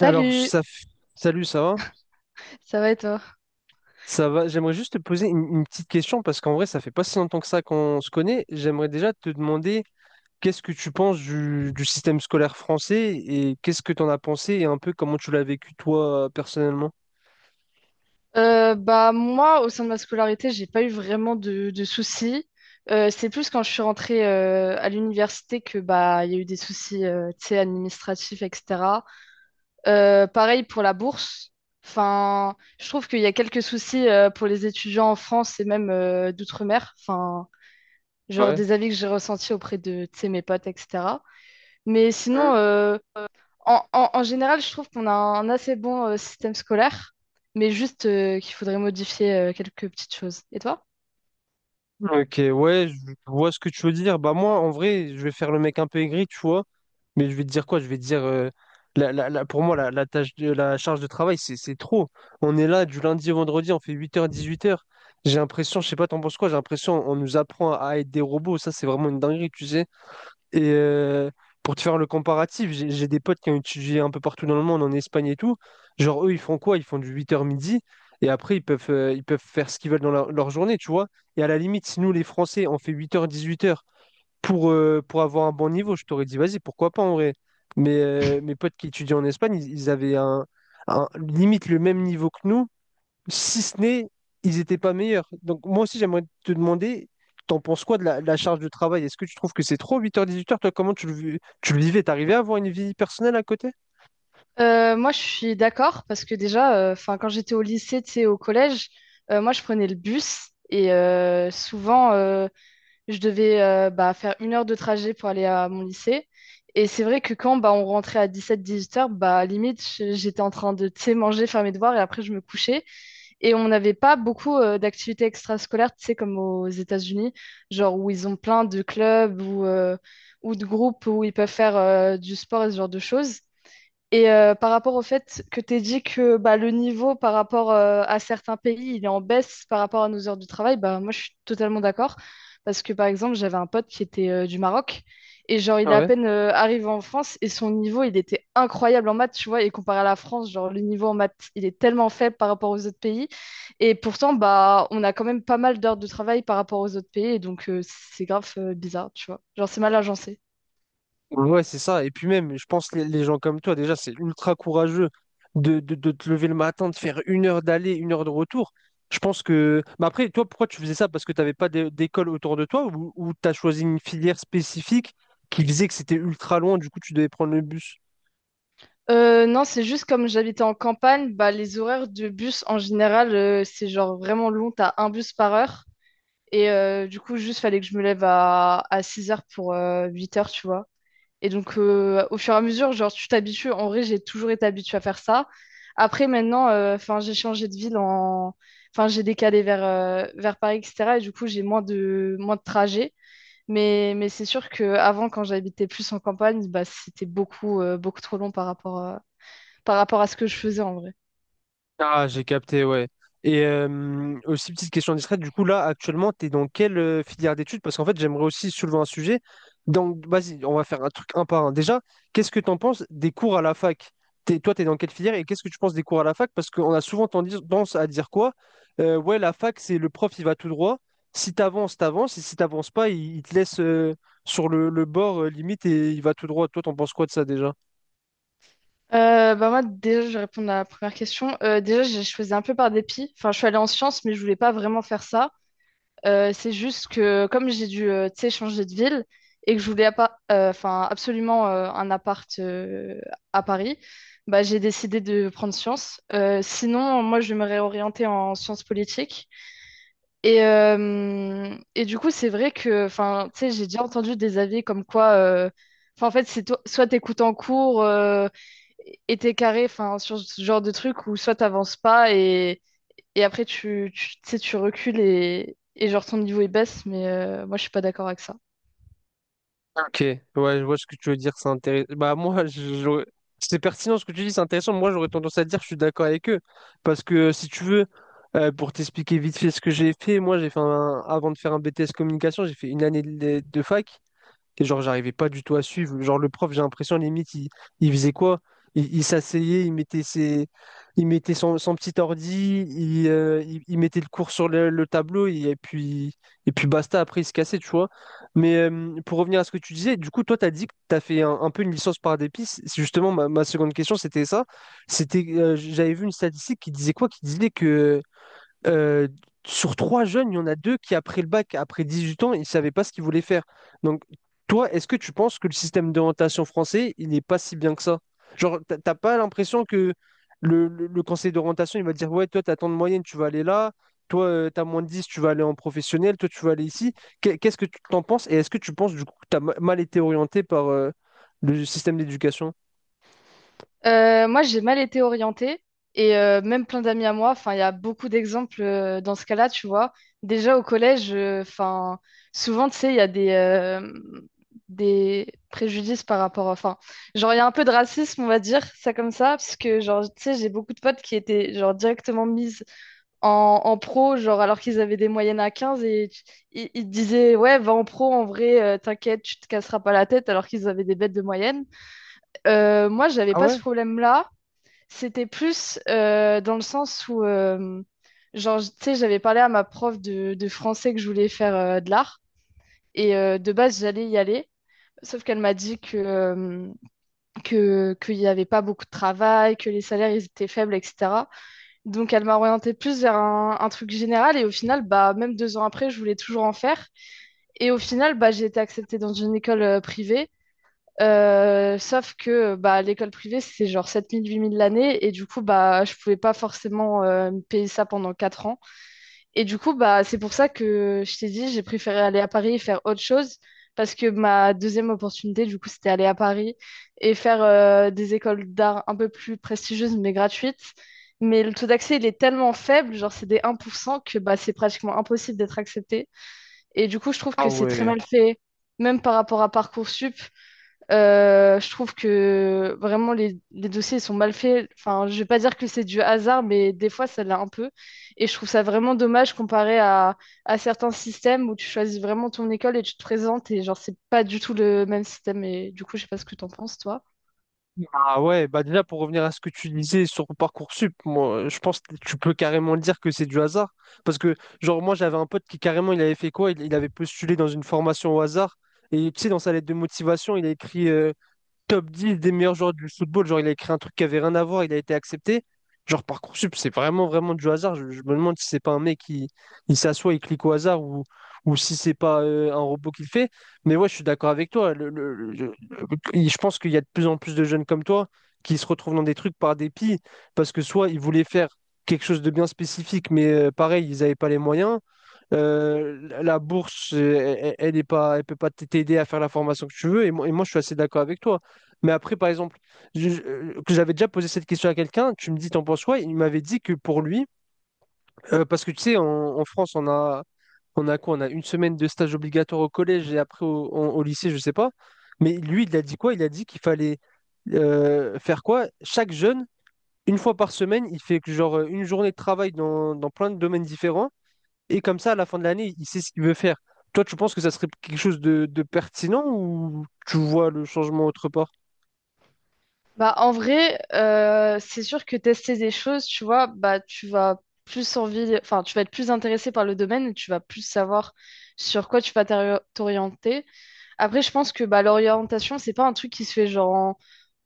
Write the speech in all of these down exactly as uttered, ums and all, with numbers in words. Alors, ça... f- Salut, ça va? ça va et toi? Ça va? J'aimerais juste te poser une, une petite question parce qu'en vrai, ça fait pas si longtemps que ça qu'on se connaît. J'aimerais déjà te demander qu'est-ce que tu penses du, du système scolaire français et qu'est-ce que tu en as pensé et un peu comment tu l'as vécu toi personnellement. Euh, bah moi, au sein de ma scolarité, j'ai pas eu vraiment de, de soucis. Euh, c'est plus quand je suis rentrée euh, à l'université que bah il y a eu des soucis, euh, tu sais, administratifs, et cætera. Euh, pareil pour la bourse. Enfin, je trouve qu'il y a quelques soucis euh, pour les étudiants en France et même euh, d'outre-mer. Enfin, genre Ouais. des avis que j'ai ressentis auprès de, tu sais, mes potes, et cætera. Mais sinon, euh, En, en- en général, je trouve qu'on a un assez bon euh, système scolaire, mais juste euh, qu'il faudrait modifier euh, quelques petites choses. Et toi? Ok, ouais, je vois ce que tu veux dire. Bah moi, en vrai, je vais faire le mec un peu aigri, tu vois. Mais je vais te dire quoi? Je vais te dire, euh, la, la- la- pour moi, la, la tâche de, la charge de travail, c'est c'est trop. On est là du lundi au vendredi, on fait huit heures dix huit heures. J'ai l'impression, je sais pas, t'en penses quoi? J'ai l'impression, on nous apprend à être des robots. Ça, c'est vraiment une dinguerie, tu sais. Et euh, pour te faire le comparatif, j'ai j'ai des potes qui ont étudié un peu partout dans le monde, en Espagne et tout. Genre, eux, ils font quoi? Ils font du huit heures midi, et après, ils peuvent, euh, ils peuvent faire ce qu'ils veulent dans leur, leur journée, tu vois. Et à la limite, si nous, les Français, on fait huit heures dix-huit heures pour, euh, pour avoir un bon niveau, je t'aurais dit, vas-y, pourquoi pas en vrai. Mais euh, mes potes qui étudient en Espagne, ils, ils avaient un, un- limite le même niveau que nous, si ce n'est, ils n'étaient pas meilleurs. Donc moi aussi, j'aimerais te demander, t'en penses quoi de la, de la charge de travail? Est-ce que tu trouves que c'est trop? Huit heures dix-huit heures. Toi, comment tu le, vis- tu le vivais? T'arrivais à avoir une vie personnelle à côté? Euh, moi, je suis d'accord parce que déjà, euh, enfin, quand j'étais au lycée, tu sais, au collège, euh, moi, je prenais le bus et euh, souvent, euh, je devais euh, bah, faire une heure de trajet pour aller à mon lycée. Et c'est vrai que quand bah, on rentrait à dix-sept dix-huit heures, bah, limite, je- j'étais en train de, tu sais, manger, faire mes devoirs et après, je me couchais. Et on n'avait pas beaucoup euh, d'activités extrascolaires, tu sais, comme aux États-Unis, genre où ils ont plein de clubs ou, euh, ou de groupes où ils peuvent faire euh, du sport et ce genre de choses. Et euh, par rapport au fait que tu dit que bah, le niveau par rapport euh, à certains pays, il est en baisse par rapport à nos heures de travail, bah, moi je suis totalement d'accord. Parce que par exemple, j'avais un pote qui était euh, du Maroc et genre il est à Ouais. peine euh, arrivé en France et son niveau il était incroyable en maths, tu vois. Et comparé à la France, genre le niveau en maths il est tellement faible par rapport aux autres pays. Et pourtant, bah, on a quand même pas mal d'heures de travail par rapport aux autres pays. Et donc euh, c'est grave euh, bizarre, tu vois. Genre c'est mal agencé. Ouais, c'est ça. Et puis même, je pense les, les gens comme toi, déjà, c'est ultra courageux de, de- de te lever le matin, de faire une heure d'aller, une heure de retour. Je pense que... Mais après, toi, pourquoi tu faisais ça? Parce que tu n'avais pas d'é- d'école autour de toi ou, ou tu as choisi une filière spécifique qui disait que c'était ultra loin, du coup, tu devais prendre le bus? Euh, non, c'est juste comme j'habitais en campagne, bah, les horaires de bus en général, euh, c'est genre vraiment long, t'as un bus par heure. Et euh, du coup, juste fallait que je me lève à, à six heures pour euh, huit heures, tu vois. Et donc, euh, au fur et à mesure, genre, tu t'habitues. En vrai, j'ai toujours été habituée à faire ça. Après, maintenant, euh, enfin, j'ai changé de ville en... Enfin, j'ai décalé vers, euh, vers Paris, et cætera. Et du coup, j'ai moins de, moins de trajets. Mais, mais c'est sûr qu'avant, quand j'habitais plus en campagne, bah, c'était beaucoup, euh, beaucoup trop long par rapport, euh, par rapport à ce que je faisais en vrai. Ah, j'ai capté, ouais. Et euh, aussi, petite question discrète, du coup, là, actuellement, tu es dans quelle euh, filière d'études? Parce qu'en fait, j'aimerais aussi soulever un sujet. Donc, vas-y, on va faire un truc un par un. Déjà, qu'est-ce que tu en penses des cours à la fac? T'es- toi, tu es dans quelle filière et qu'est-ce que tu penses des cours à la fac? Parce qu'on a souvent tendance à dire quoi? Euh, ouais, la fac, c'est le prof, il va tout droit. Si t'avances, t'avances. Et si t'avances pas, il, il te laisse euh, sur le, le bord, euh, limite, et il va tout droit. Toi, t'en penses quoi de ça déjà? Euh, bah moi, déjà, je vais répondre à la première question. Euh, déjà, je je faisais un peu par dépit. Enfin, je suis allée en sciences, mais je voulais pas vraiment faire ça. Euh, c'est juste que comme j'ai dû, euh, tu sais, changer de ville et que je voulais appa- euh, enfin, absolument euh, un appart euh, à Paris, bah, j'ai décidé de prendre sciences. Euh, sinon, moi, je me réorientais en sciences politiques. Et, euh, et du coup, c'est vrai que, enfin, tu sais, j'ai déjà entendu des avis comme quoi, euh, enfin, en fait, c'est to- soit t'écoutes en cours. Euh, était carré enfin sur ce genre de truc où soit t'avances pas et, et après tu, tu tu sais tu recules et, et genre ton niveau il baisse mais euh, moi je suis pas d'accord avec ça. Ok, ouais, je vois ce que tu veux dire, c'est intéressant. Bah moi, je- j'aurais- c'est pertinent ce que tu dis, c'est intéressant. Moi, j'aurais tendance à dire, je suis d'accord avec eux, parce que si tu veux, euh, pour t'expliquer vite fait ce que j'ai fait, moi, j'ai fait un- avant de faire un B T S communication, j'ai fait une année de, de fac. Et genre, j'arrivais pas du tout à suivre. Genre, le prof, j'ai l'impression, limite, il, il faisait quoi? Il, il s'asseyait, il mettait ses, il mettait son, son petit ordi, il, euh, il, il mettait le cours sur le, le tableau, et, puis, et puis basta, après, il se cassait, tu vois. Mais euh, pour revenir à ce que tu disais, du coup, toi, tu as dit que tu as fait un, un peu une licence par dépice. C'est justement ma, ma seconde question, c'était ça. C'était, euh, j'avais vu une statistique qui disait quoi? Qui disait que euh, sur trois jeunes, il y en a deux qui, après le bac, après dix-huit ans, ils ne savaient pas ce qu'ils voulaient faire. Donc, toi, est-ce que tu penses que le système d'orientation français, il n'est pas si bien que ça? Genre, t'as t'as pas l'impression que le, le- le conseil d'orientation, il va dire, ouais, toi, t'as tant de moyenne, tu vas aller là. Toi, euh, t'as moins de dix, tu vas aller en professionnel. Toi, tu vas aller ici. Qu'est- Qu'est-ce que tu t'en penses? Et est-ce que tu penses, du coup, que t'as ma- mal été orienté par euh, le système d'éducation? Euh, moi j'ai mal été orientée et euh, même plein d'amis à moi enfin il y a beaucoup d'exemples euh, dans ce cas-là tu vois. Déjà au collège euh, enfin souvent tu sais il y a des euh, des préjudices par rapport enfin genre il y a un peu de racisme on va dire ça comme ça parce que genre tu sais j'ai beaucoup de potes qui étaient genre directement mises en, en pro, genre alors qu'ils avaient des moyennes à quinze et tu- ils, ils te disaient ouais, va en pro en vrai, euh, t'inquiète, tu te casseras pas la tête alors qu'ils avaient des bêtes de moyenne. Euh, moi, j'avais Ah pas ouais? ce problème-là. C'était plus euh, dans le sens où euh, genre tu sais, j'avais parlé à ma prof de, de français que je voulais faire euh, de l'art et euh, de base j'allais y aller. Sauf qu'elle m'a dit que, euh, que, qu'il n'y avait pas beaucoup de travail, que les salaires ils étaient faibles, et cætera. Donc, elle m'a orientée plus vers un, un truc général. Et au final, bah, même deux ans après, je voulais toujours en faire. Et au final, bah, j'ai été acceptée dans une école euh, privée. Euh, sauf que bah, l'école privée, c'est genre sept mille, huit mille l'année. Et du coup, bah, je pouvais pas forcément euh, me payer ça pendant quatre ans. Et du coup, bah, c'est pour ça que je t'ai dit, j'ai préféré aller à Paris et faire autre chose, parce que ma deuxième opportunité, du coup, c'était aller à Paris et faire euh, des écoles d'art un peu plus prestigieuses, mais gratuites. Mais le taux d'accès, il est tellement faible, genre c'est des un pour cent que bah, c'est pratiquement impossible d'être accepté. Et du coup, je trouve Ah que c'est très ouais. mal fait, même par rapport à Parcoursup. Euh, je trouve que vraiment les, les dossiers sont mal faits. Enfin, je vais pas dire que c'est du hasard, mais des fois ça l'est un peu. Et je trouve ça vraiment dommage comparé à, à certains systèmes où tu choisis vraiment ton école et tu te présentes et genre c'est pas du tout le même système. Et du coup, je sais pas ce que t'en penses, toi. Ah ouais, bah déjà pour revenir à ce que tu disais sur Parcoursup, moi je pense que tu peux carrément dire que c'est du hasard. Parce que genre moi j'avais un pote qui carrément il avait fait quoi? Il, il avait postulé dans une formation au hasard. Et tu sais, dans sa lettre de motivation, il a écrit euh, top dix des meilleurs joueurs du football. Genre, il a écrit un truc qui avait rien à voir, il a été accepté. Genre, Parcoursup, c'est vraiment, vraiment du hasard. Je, je me demande si c'est pas un mec qui il s'assoit, et clique au hasard ou, ou si c'est pas euh, un robot qui le fait. Mais ouais, je suis d'accord avec toi. Le- le- le- le- le- je pense qu'il y a de plus en plus de jeunes comme toi qui se retrouvent dans des trucs par dépit parce que soit ils voulaient faire quelque chose de bien spécifique, mais euh, pareil, ils n'avaient pas les moyens. Euh, la bourse, euh, elle, ne est pas, elle peut pas t'aider à faire la formation que tu veux. Et moi, et moi, je suis assez d'accord avec toi. Mais après, par exemple, je- je- euh, que j'avais déjà posé cette question à quelqu'un, tu me dis, t'en penses quoi? Il m'avait dit que pour lui, euh, parce que tu sais, en, en France, on a, on a quoi? On a une semaine de stage obligatoire au collège et après au, en- au lycée, je sais pas. Mais lui, il a dit quoi? Il a dit qu'il fallait euh, faire quoi? Chaque jeune, une fois par semaine, il fait que genre euh, une journée de travail dans, dans plein de domaines différents. Et comme ça, à la fin de l'année, il sait ce qu'il veut faire. Toi, tu penses que ça serait quelque chose de, de pertinent ou tu vois le changement autre part? Bah, en vrai, euh, c'est sûr que tester des choses, tu vois, bah, tu vas plus envie, enfin, tu vas être plus intéressé par le domaine et tu vas plus savoir sur quoi tu vas t'ori- t'orienter. Après, je pense que bah, l'orientation, c'est pas un truc qui se fait genre en,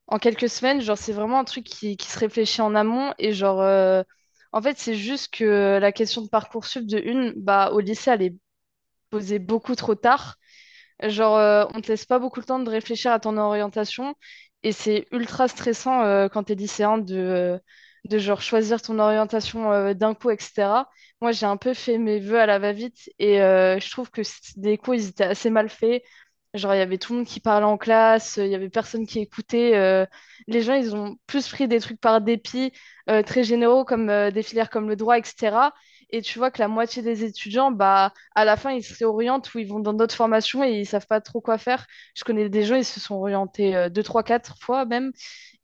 en quelques semaines. Genre, c'est vraiment un truc qui, qui se réfléchit en amont. Et genre, euh, en fait, c'est juste que la question de Parcoursup de une, bah, au lycée, elle est posée beaucoup trop tard. Genre, euh, on te laisse pas beaucoup le temps de réfléchir à ton orientation et c'est ultra stressant euh, quand t'es lycéen de, euh, de genre choisir ton orientation euh, d'un coup, et cætera. Moi, j'ai un peu fait mes vœux à la va-vite et euh, je trouve que c- des cours, ils étaient assez mal faits. Genre, il y avait tout le monde qui parlait en classe, euh, il y avait personne qui écoutait. Euh, les gens, ils ont plus pris des trucs par dépit, euh, très généraux, comme euh, des filières comme le droit, et cætera. Et tu vois que la moitié des étudiants, bah, à la fin, ils se réorientent ou ils vont dans d'autres formations et ils savent pas trop quoi faire. Je connais des gens, ils se sont orientés euh, deux, trois, quatre fois même.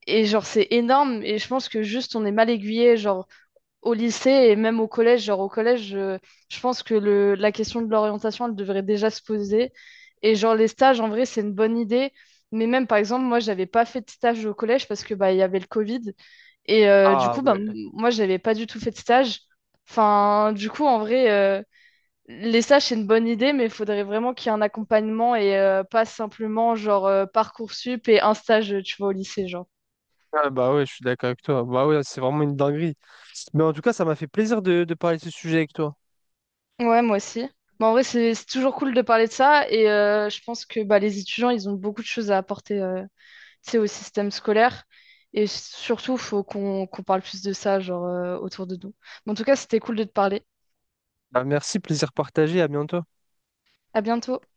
Et genre, c'est énorme. Et je pense que juste, on est mal aiguillé, genre, au lycée et même au collège. Genre, au collège, euh, je pense que le, la question de l'orientation, elle devrait déjà se poser. Et genre, les stages, en vrai, c'est une bonne idée. Mais même, par exemple, moi, j'avais pas fait de stage au collège parce que, bah, il y avait le Covid. Et euh, du Ah coup, bah, m- ouais. moi, j'avais pas du tout fait de stage. Enfin, du coup, en vrai, euh, les stages, c'est une bonne idée, mais il faudrait vraiment qu'il y ait un accompagnement et euh, pas simplement genre euh, Parcoursup et un stage, euh, tu vois, au lycée, genre. Ah, bah ouais, je suis d'accord avec toi. Bah ouais, c'est vraiment une dinguerie. Mais en tout cas, ça m'a fait plaisir de, de parler de ce sujet avec toi. Ouais, moi aussi. Bah, en vrai, c'est c'est toujours cool de parler de ça et euh, je pense que bah, les étudiants, ils ont beaucoup de choses à apporter euh, tu sais, au système scolaire et surtout, faut qu'on qu'on parle plus de ça genre, euh, autour de nous. Bon, en tout cas, c'était cool de te parler. Bah, merci, plaisir partagé, à bientôt. À bientôt.